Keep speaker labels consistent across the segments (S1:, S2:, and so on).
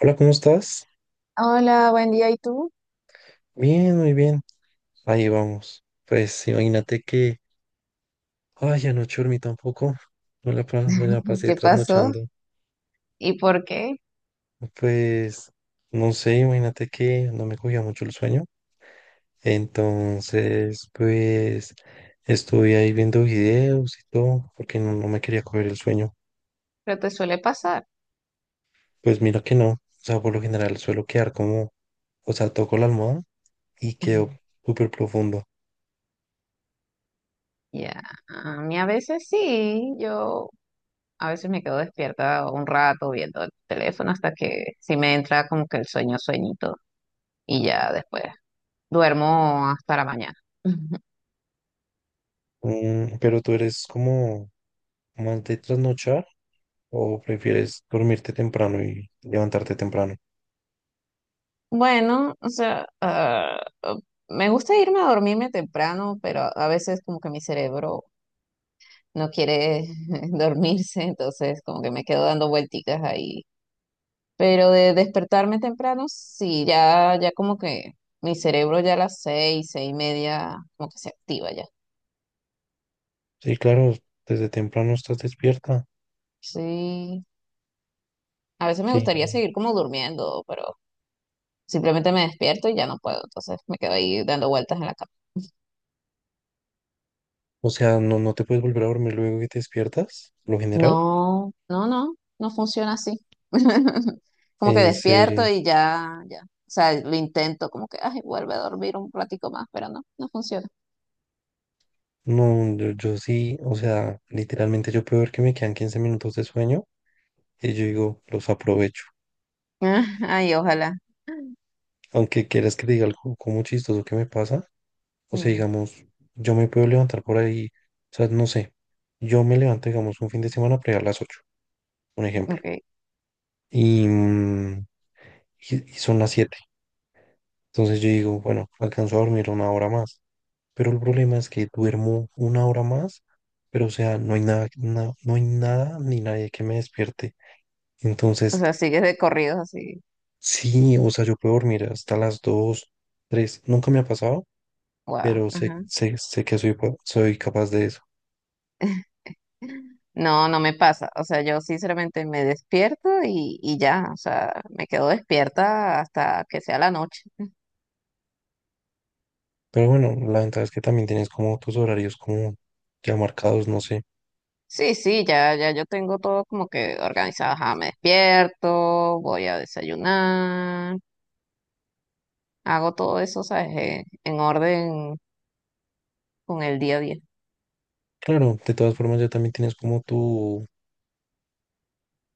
S1: Hola, ¿cómo estás?
S2: Hola, buen día. ¿Y tú?
S1: Bien, muy bien. Ahí vamos. Pues imagínate que, ay, anoche dormí tampoco. Me la pasé
S2: ¿Qué pasó?
S1: trasnochando.
S2: ¿Y por qué?
S1: Pues, no sé, imagínate que no me cogía mucho el sueño. Entonces, pues, estuve ahí viendo videos y todo, porque no, no me quería coger el sueño.
S2: Pero te suele pasar.
S1: Pues mira que no. O sea, por lo general suelo quedar como, o sea, toco la almohada y quedo súper profundo.
S2: Ya, a mí a veces sí, yo a veces me quedo despierta un rato viendo el teléfono hasta que sí me entra como que el sueño sueñito y ya después duermo hasta la mañana.
S1: Pero tú eres como más de trasnochar. ¿O prefieres dormirte temprano y levantarte temprano?
S2: Bueno, o sea, ah, oh, me gusta irme a dormirme temprano, pero a veces como que mi cerebro no quiere dormirse, entonces como que me quedo dando vuelticas ahí. Pero de despertarme temprano, sí, ya, ya como que mi cerebro ya a las 6, 6:30, como que se activa ya.
S1: Sí, claro, desde temprano estás despierta.
S2: Sí, a veces me
S1: Sí,
S2: gustaría seguir como durmiendo, pero simplemente me despierto y ya no puedo, entonces me quedo ahí dando vueltas en la cama.
S1: o sea, no, no te puedes volver a dormir luego que te despiertas, lo general.
S2: No, no, no, no funciona así. Como que
S1: En
S2: despierto
S1: serio.
S2: y ya, ya. O sea, lo intento como que, ay, vuelve a dormir un ratico más, pero no, no funciona.
S1: No, yo sí, o sea, literalmente yo puedo ver que me quedan 15 minutos de sueño y yo digo, los aprovecho.
S2: Ay, ojalá.
S1: Aunque quieras que te diga algo como chistoso que me pasa, o sea,
S2: Dime,
S1: digamos, yo me puedo levantar por ahí, o sea, no sé, yo me levanto, digamos, un fin de semana para ir a las 8 un ejemplo.
S2: ok.
S1: Y, mm, y son las 7. Entonces yo digo, bueno, alcanzo a dormir una hora más. Pero el problema es que duermo una hora más, pero o sea, no hay nada, no hay nada ni nadie que me despierte.
S2: O
S1: Entonces,
S2: sea, sigues de corridos así.
S1: sí, o sea, yo puedo dormir hasta las 2, 3 Nunca me ha pasado,
S2: Wow.
S1: pero sé,
S2: Ajá.
S1: sé, sé que soy capaz de eso.
S2: No, no me pasa. O sea, yo sinceramente me despierto y ya, o sea, me quedo despierta hasta que sea la noche.
S1: Pero bueno, la ventaja es que también tienes como tus horarios como ya marcados, no sé.
S2: Sí, sí, ya, ya yo tengo todo como que organizado. Ajá, me despierto, voy a desayunar, hago todo eso, ¿sabes? En orden con el día a día.
S1: Claro, de todas formas ya también tienes como tu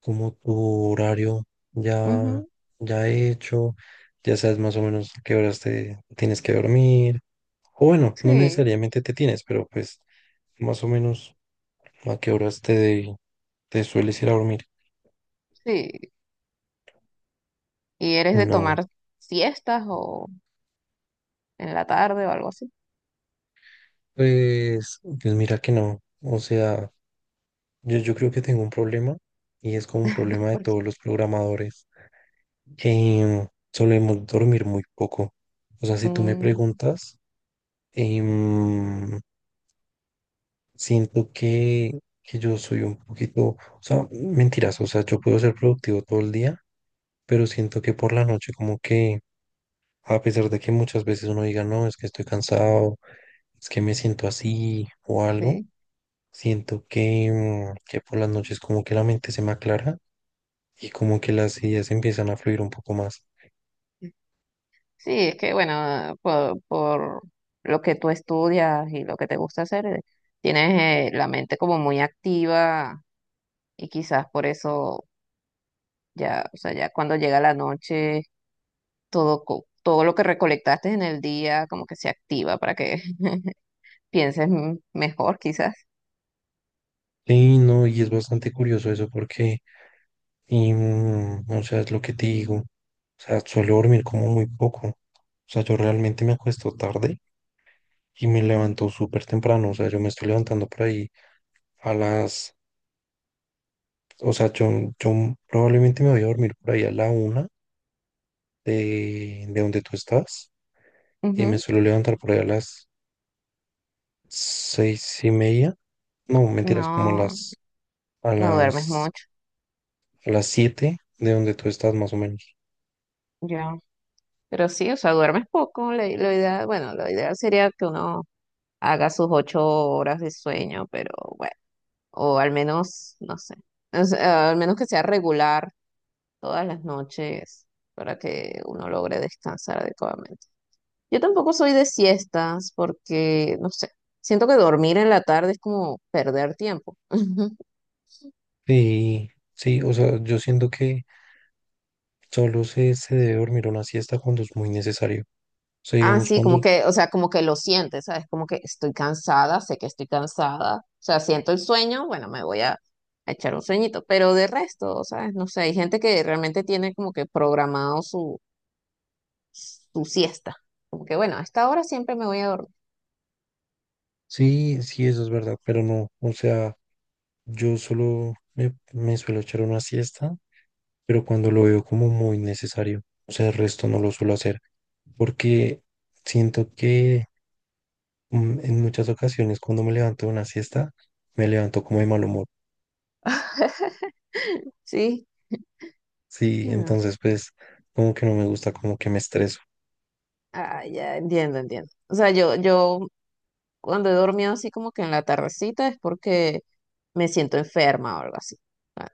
S1: horario ya,
S2: Ujú,
S1: ya hecho, ya sabes más o menos a qué horas te tienes que dormir, o bueno, no
S2: sí,
S1: necesariamente te tienes, pero pues más o menos a qué horas te sueles ir a dormir.
S2: sí. ¿Y eres de
S1: No,
S2: tomar siestas o en la tarde o algo así?
S1: pues, pues mira que no, o sea, yo creo que tengo un problema y es como un problema de
S2: Porque-
S1: todos los programadores, que solemos dormir muy poco. O sea, si tú me
S2: mm,
S1: preguntas. em, Siento que yo soy un poquito, o sea, mentiras, o sea, yo puedo ser productivo todo el día, pero siento que por la noche como que, a pesar de que muchas veces uno diga, no, es que estoy cansado, es que me siento así o algo,
S2: sí.
S1: siento que, que por las noches como que la mente se me aclara y como que las ideas empiezan a fluir un poco más.
S2: Sí, es que bueno, por lo que tú estudias y lo que te gusta hacer, tienes la mente como muy activa y quizás por eso ya, o sea, ya cuando llega la noche, todo lo que recolectaste en el día como que se activa para que pienses mejor quizás.
S1: Sí, no, y es bastante curioso eso porque. O sea, es lo que te digo. O sea, suelo dormir como muy poco. O sea, yo realmente me acuesto tarde y me levanto súper temprano. O sea, yo me estoy levantando por ahí a las. O sea, yo probablemente me voy a dormir por ahí a la 1 de donde tú estás y me
S2: Ujú.
S1: suelo levantar por ahí a las 6:30. No, mentiras, como
S2: No,
S1: a
S2: no duermes
S1: las,
S2: mucho,
S1: a las 7 de donde tú estás más o menos.
S2: yo. Pero sí, o sea, duermes poco. La idea, bueno, lo ideal sería que uno haga sus 8 horas de sueño, pero bueno. O al menos, no sé, o sea, al menos que sea regular todas las noches para que uno logre descansar adecuadamente. Yo tampoco soy de siestas porque, no sé, siento que dormir en la tarde es como perder tiempo.
S1: Y sí, o sea, yo siento que. Solo se debe dormir una siesta cuando es muy necesario. O sea,
S2: Ah,
S1: digamos,
S2: sí,
S1: cuando.
S2: como que, o sea, como que lo sientes, ¿sabes? Como que estoy cansada, sé que estoy cansada, o sea, siento el sueño, bueno, me voy a echar un sueñito, pero de resto, ¿sabes? No sé, hay gente que realmente tiene como que programado su siesta. Como que, bueno, a esta hora siempre me voy a dormir,
S1: Sí, sí, eso es verdad, pero no. O sea, yo solo me suelo echar una siesta, pero cuando lo veo como muy necesario. O sea, el resto no lo suelo hacer, porque siento que en muchas ocasiones cuando me levanto de una siesta, me levanto como de mal humor.
S2: ¿sí?
S1: Sí,
S2: Mm.
S1: entonces pues como que no me gusta, como que me estreso.
S2: Ah, ya entiendo, entiendo. O sea, yo cuando he dormido así como que en la tardecita es porque me siento enferma o algo así. Ah.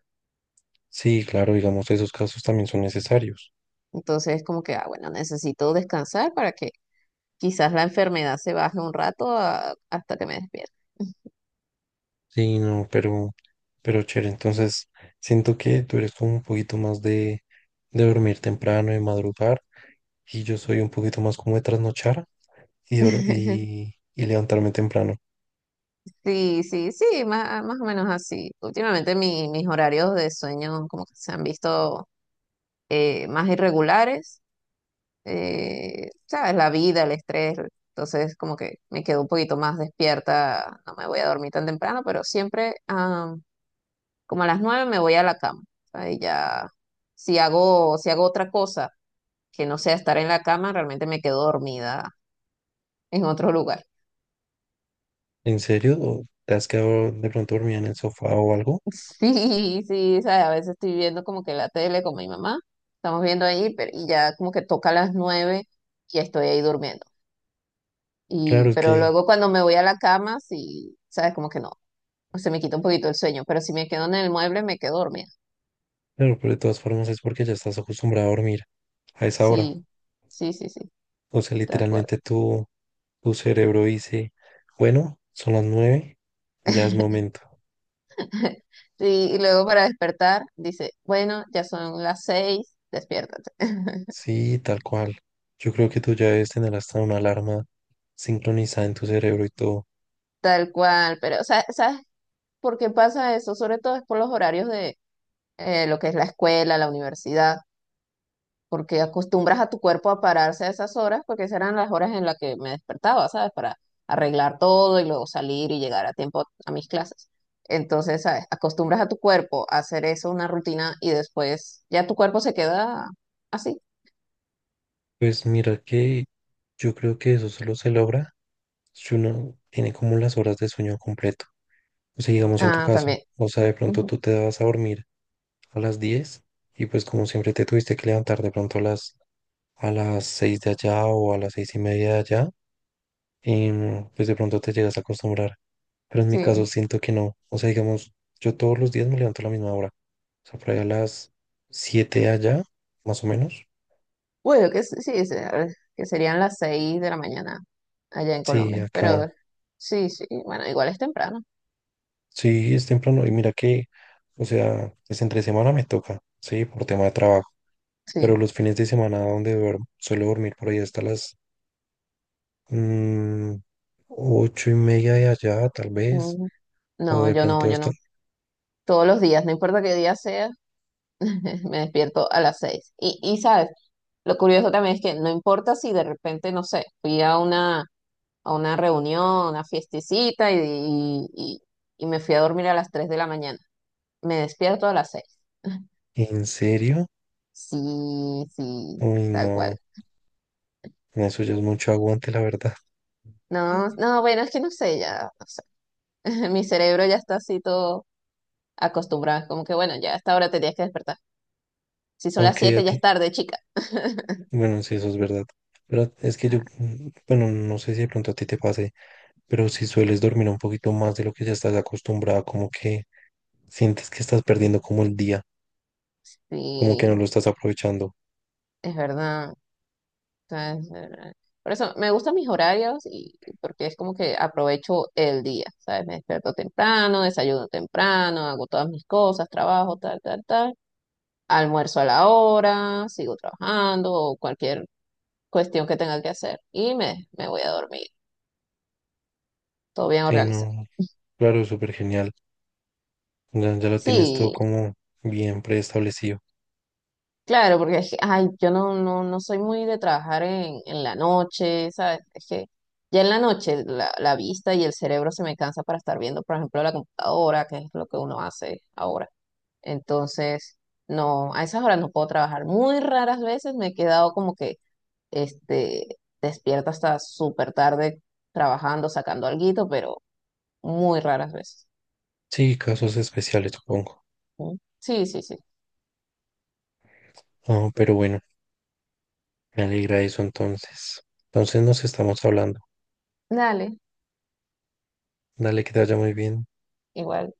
S1: Sí, claro, digamos, esos casos también son necesarios.
S2: Entonces, como que, ah, bueno, necesito descansar para que quizás la enfermedad se baje un rato, a- hasta que me despierte.
S1: Sí, no, pero chévere. Entonces, siento que tú eres como un poquito más de dormir temprano, de madrugar, y yo soy un poquito más como de trasnochar y, dor- y, y levantarme temprano.
S2: Sí, sí, sí, más, más o menos así. Últimamente mis horarios de sueño como que se han visto más irregulares, sabes, la vida, el estrés, entonces como que me quedo un poquito más despierta, no me voy a dormir tan temprano, pero siempre como a las 9 me voy a la cama, ahí ya, si hago otra cosa que no sea estar en la cama, realmente me quedo dormida en otro lugar.
S1: ¿En serio? ¿O te has quedado de pronto dormida en el sofá o algo?
S2: Sí, sí, sabes, a veces estoy viendo como que la tele con mi mamá, estamos viendo ahí, pero y ya como que toca las 9 y estoy ahí durmiendo.
S1: Claro,
S2: Y,
S1: es
S2: pero
S1: que,
S2: luego cuando me voy a la cama, sí, sabes, como que no, se me quita un poquito el sueño, pero si me quedo en el mueble me quedo dormida.
S1: claro, pero de todas formas es porque ya estás acostumbrada a dormir a esa hora.
S2: Sí, sí, sí, sí,
S1: O sea,
S2: tal cual.
S1: literalmente tu cerebro dice, bueno, son las 9, ya es momento.
S2: Sí, y luego para despertar dice, bueno, ya son las 6, despiértate.
S1: Sí, tal cual. Yo creo que tú ya debes tener hasta una alarma sincronizada en tu cerebro y todo.
S2: Tal cual, pero o sea, ¿sabes por qué pasa eso? Sobre todo es por los horarios de lo que es la escuela, la universidad. Porque acostumbras a tu cuerpo a pararse a esas horas, porque esas eran las horas en las que me despertaba, ¿sabes? Para arreglar todo y luego salir y llegar a tiempo a mis clases. Entonces, ¿sabes? Acostumbras a tu cuerpo a hacer eso, una rutina, y después ya tu cuerpo se queda así.
S1: Pues mira que yo creo que eso solo se logra si uno tiene como las horas de sueño completo. O sea, digamos en tu
S2: Ah,
S1: caso,
S2: también.
S1: o sea, de pronto
S2: Ujú,
S1: tú te vas a dormir a las 10 y pues como siempre te tuviste que levantar de pronto a las 6 de allá o a las 6:30 de allá, pues de pronto te llegas a acostumbrar. Pero en mi caso
S2: sí.
S1: siento que no. O sea, digamos, yo todos los días me levanto a la misma hora. O sea, por ahí a las 7 allá, más o menos.
S2: Bueno, que sí, que serían las 6 de la mañana allá en
S1: Sí,
S2: Colombia,
S1: acá.
S2: pero sí, sí, bueno, igual es temprano,
S1: Sí, es temprano. Y mira que, o sea, es entre semana me toca, sí, por tema de trabajo. Pero
S2: sí.
S1: los fines de semana donde duermo, suelo dormir por ahí hasta las mm, 8:30 de allá, tal vez.
S2: Ujú.
S1: O
S2: No,
S1: de
S2: yo no,
S1: pronto
S2: yo
S1: hasta.
S2: no. Todos los días, no importa qué día sea, me despierto a las 6. Y sabes, lo curioso también es que no importa si de repente, no sé, fui a una, reunión, a una fiestecita y, y me fui a dormir a las 3 de la mañana. Me despierto a las 6.
S1: ¿En serio?
S2: Sí, sí,
S1: Uy,
S2: tal
S1: no.
S2: cual.
S1: Eso ya es mucho aguante, la verdad.
S2: No, no, bueno, es que no sé, ya, no sé. Mi cerebro ya está así todo acostumbrado. Es como que bueno, ya a esta hora tenías que despertar. Si son las
S1: Aunque a
S2: 7, ya es
S1: ti.
S2: tarde, chica.
S1: Bueno, sí, eso es verdad. Pero es que yo, bueno, no sé si de pronto a ti te pase, pero si sueles dormir un poquito más de lo que ya estás acostumbrada, como que sientes que estás perdiendo como el día, como que no
S2: Sí,
S1: lo estás aprovechando.
S2: es verdad. Sea, es, por eso me gustan mis horarios y porque es como que aprovecho el día, ¿sabes? Me despierto temprano, desayuno temprano, hago todas mis cosas, trabajo, tal, tal, tal, almuerzo a la hora, sigo trabajando o cualquier cuestión que tenga que hacer y me voy a dormir, todo bien
S1: Sí,
S2: organizado.
S1: no, claro, súper genial. Ya, ya lo tienes todo
S2: Sí,
S1: como bien preestablecido.
S2: claro, porque es que, ay, yo no, no, no soy muy de trabajar en la noche, ¿sabes? Es que ya en la noche la vista y el cerebro se me cansa para estar viendo, por ejemplo, la computadora, que es lo que uno hace ahora. Entonces, no, a esas horas no puedo trabajar. Muy raras veces me he quedado como que, este, despierta hasta súper tarde trabajando, sacando alguito, pero muy raras veces.
S1: Sí, casos especiales, supongo.
S2: ¿Mm? Sí, sí, sí.
S1: Ah, pero bueno, me alegra eso entonces. Entonces nos estamos hablando.
S2: Dale,
S1: Dale, que te vaya muy bien.
S2: igual.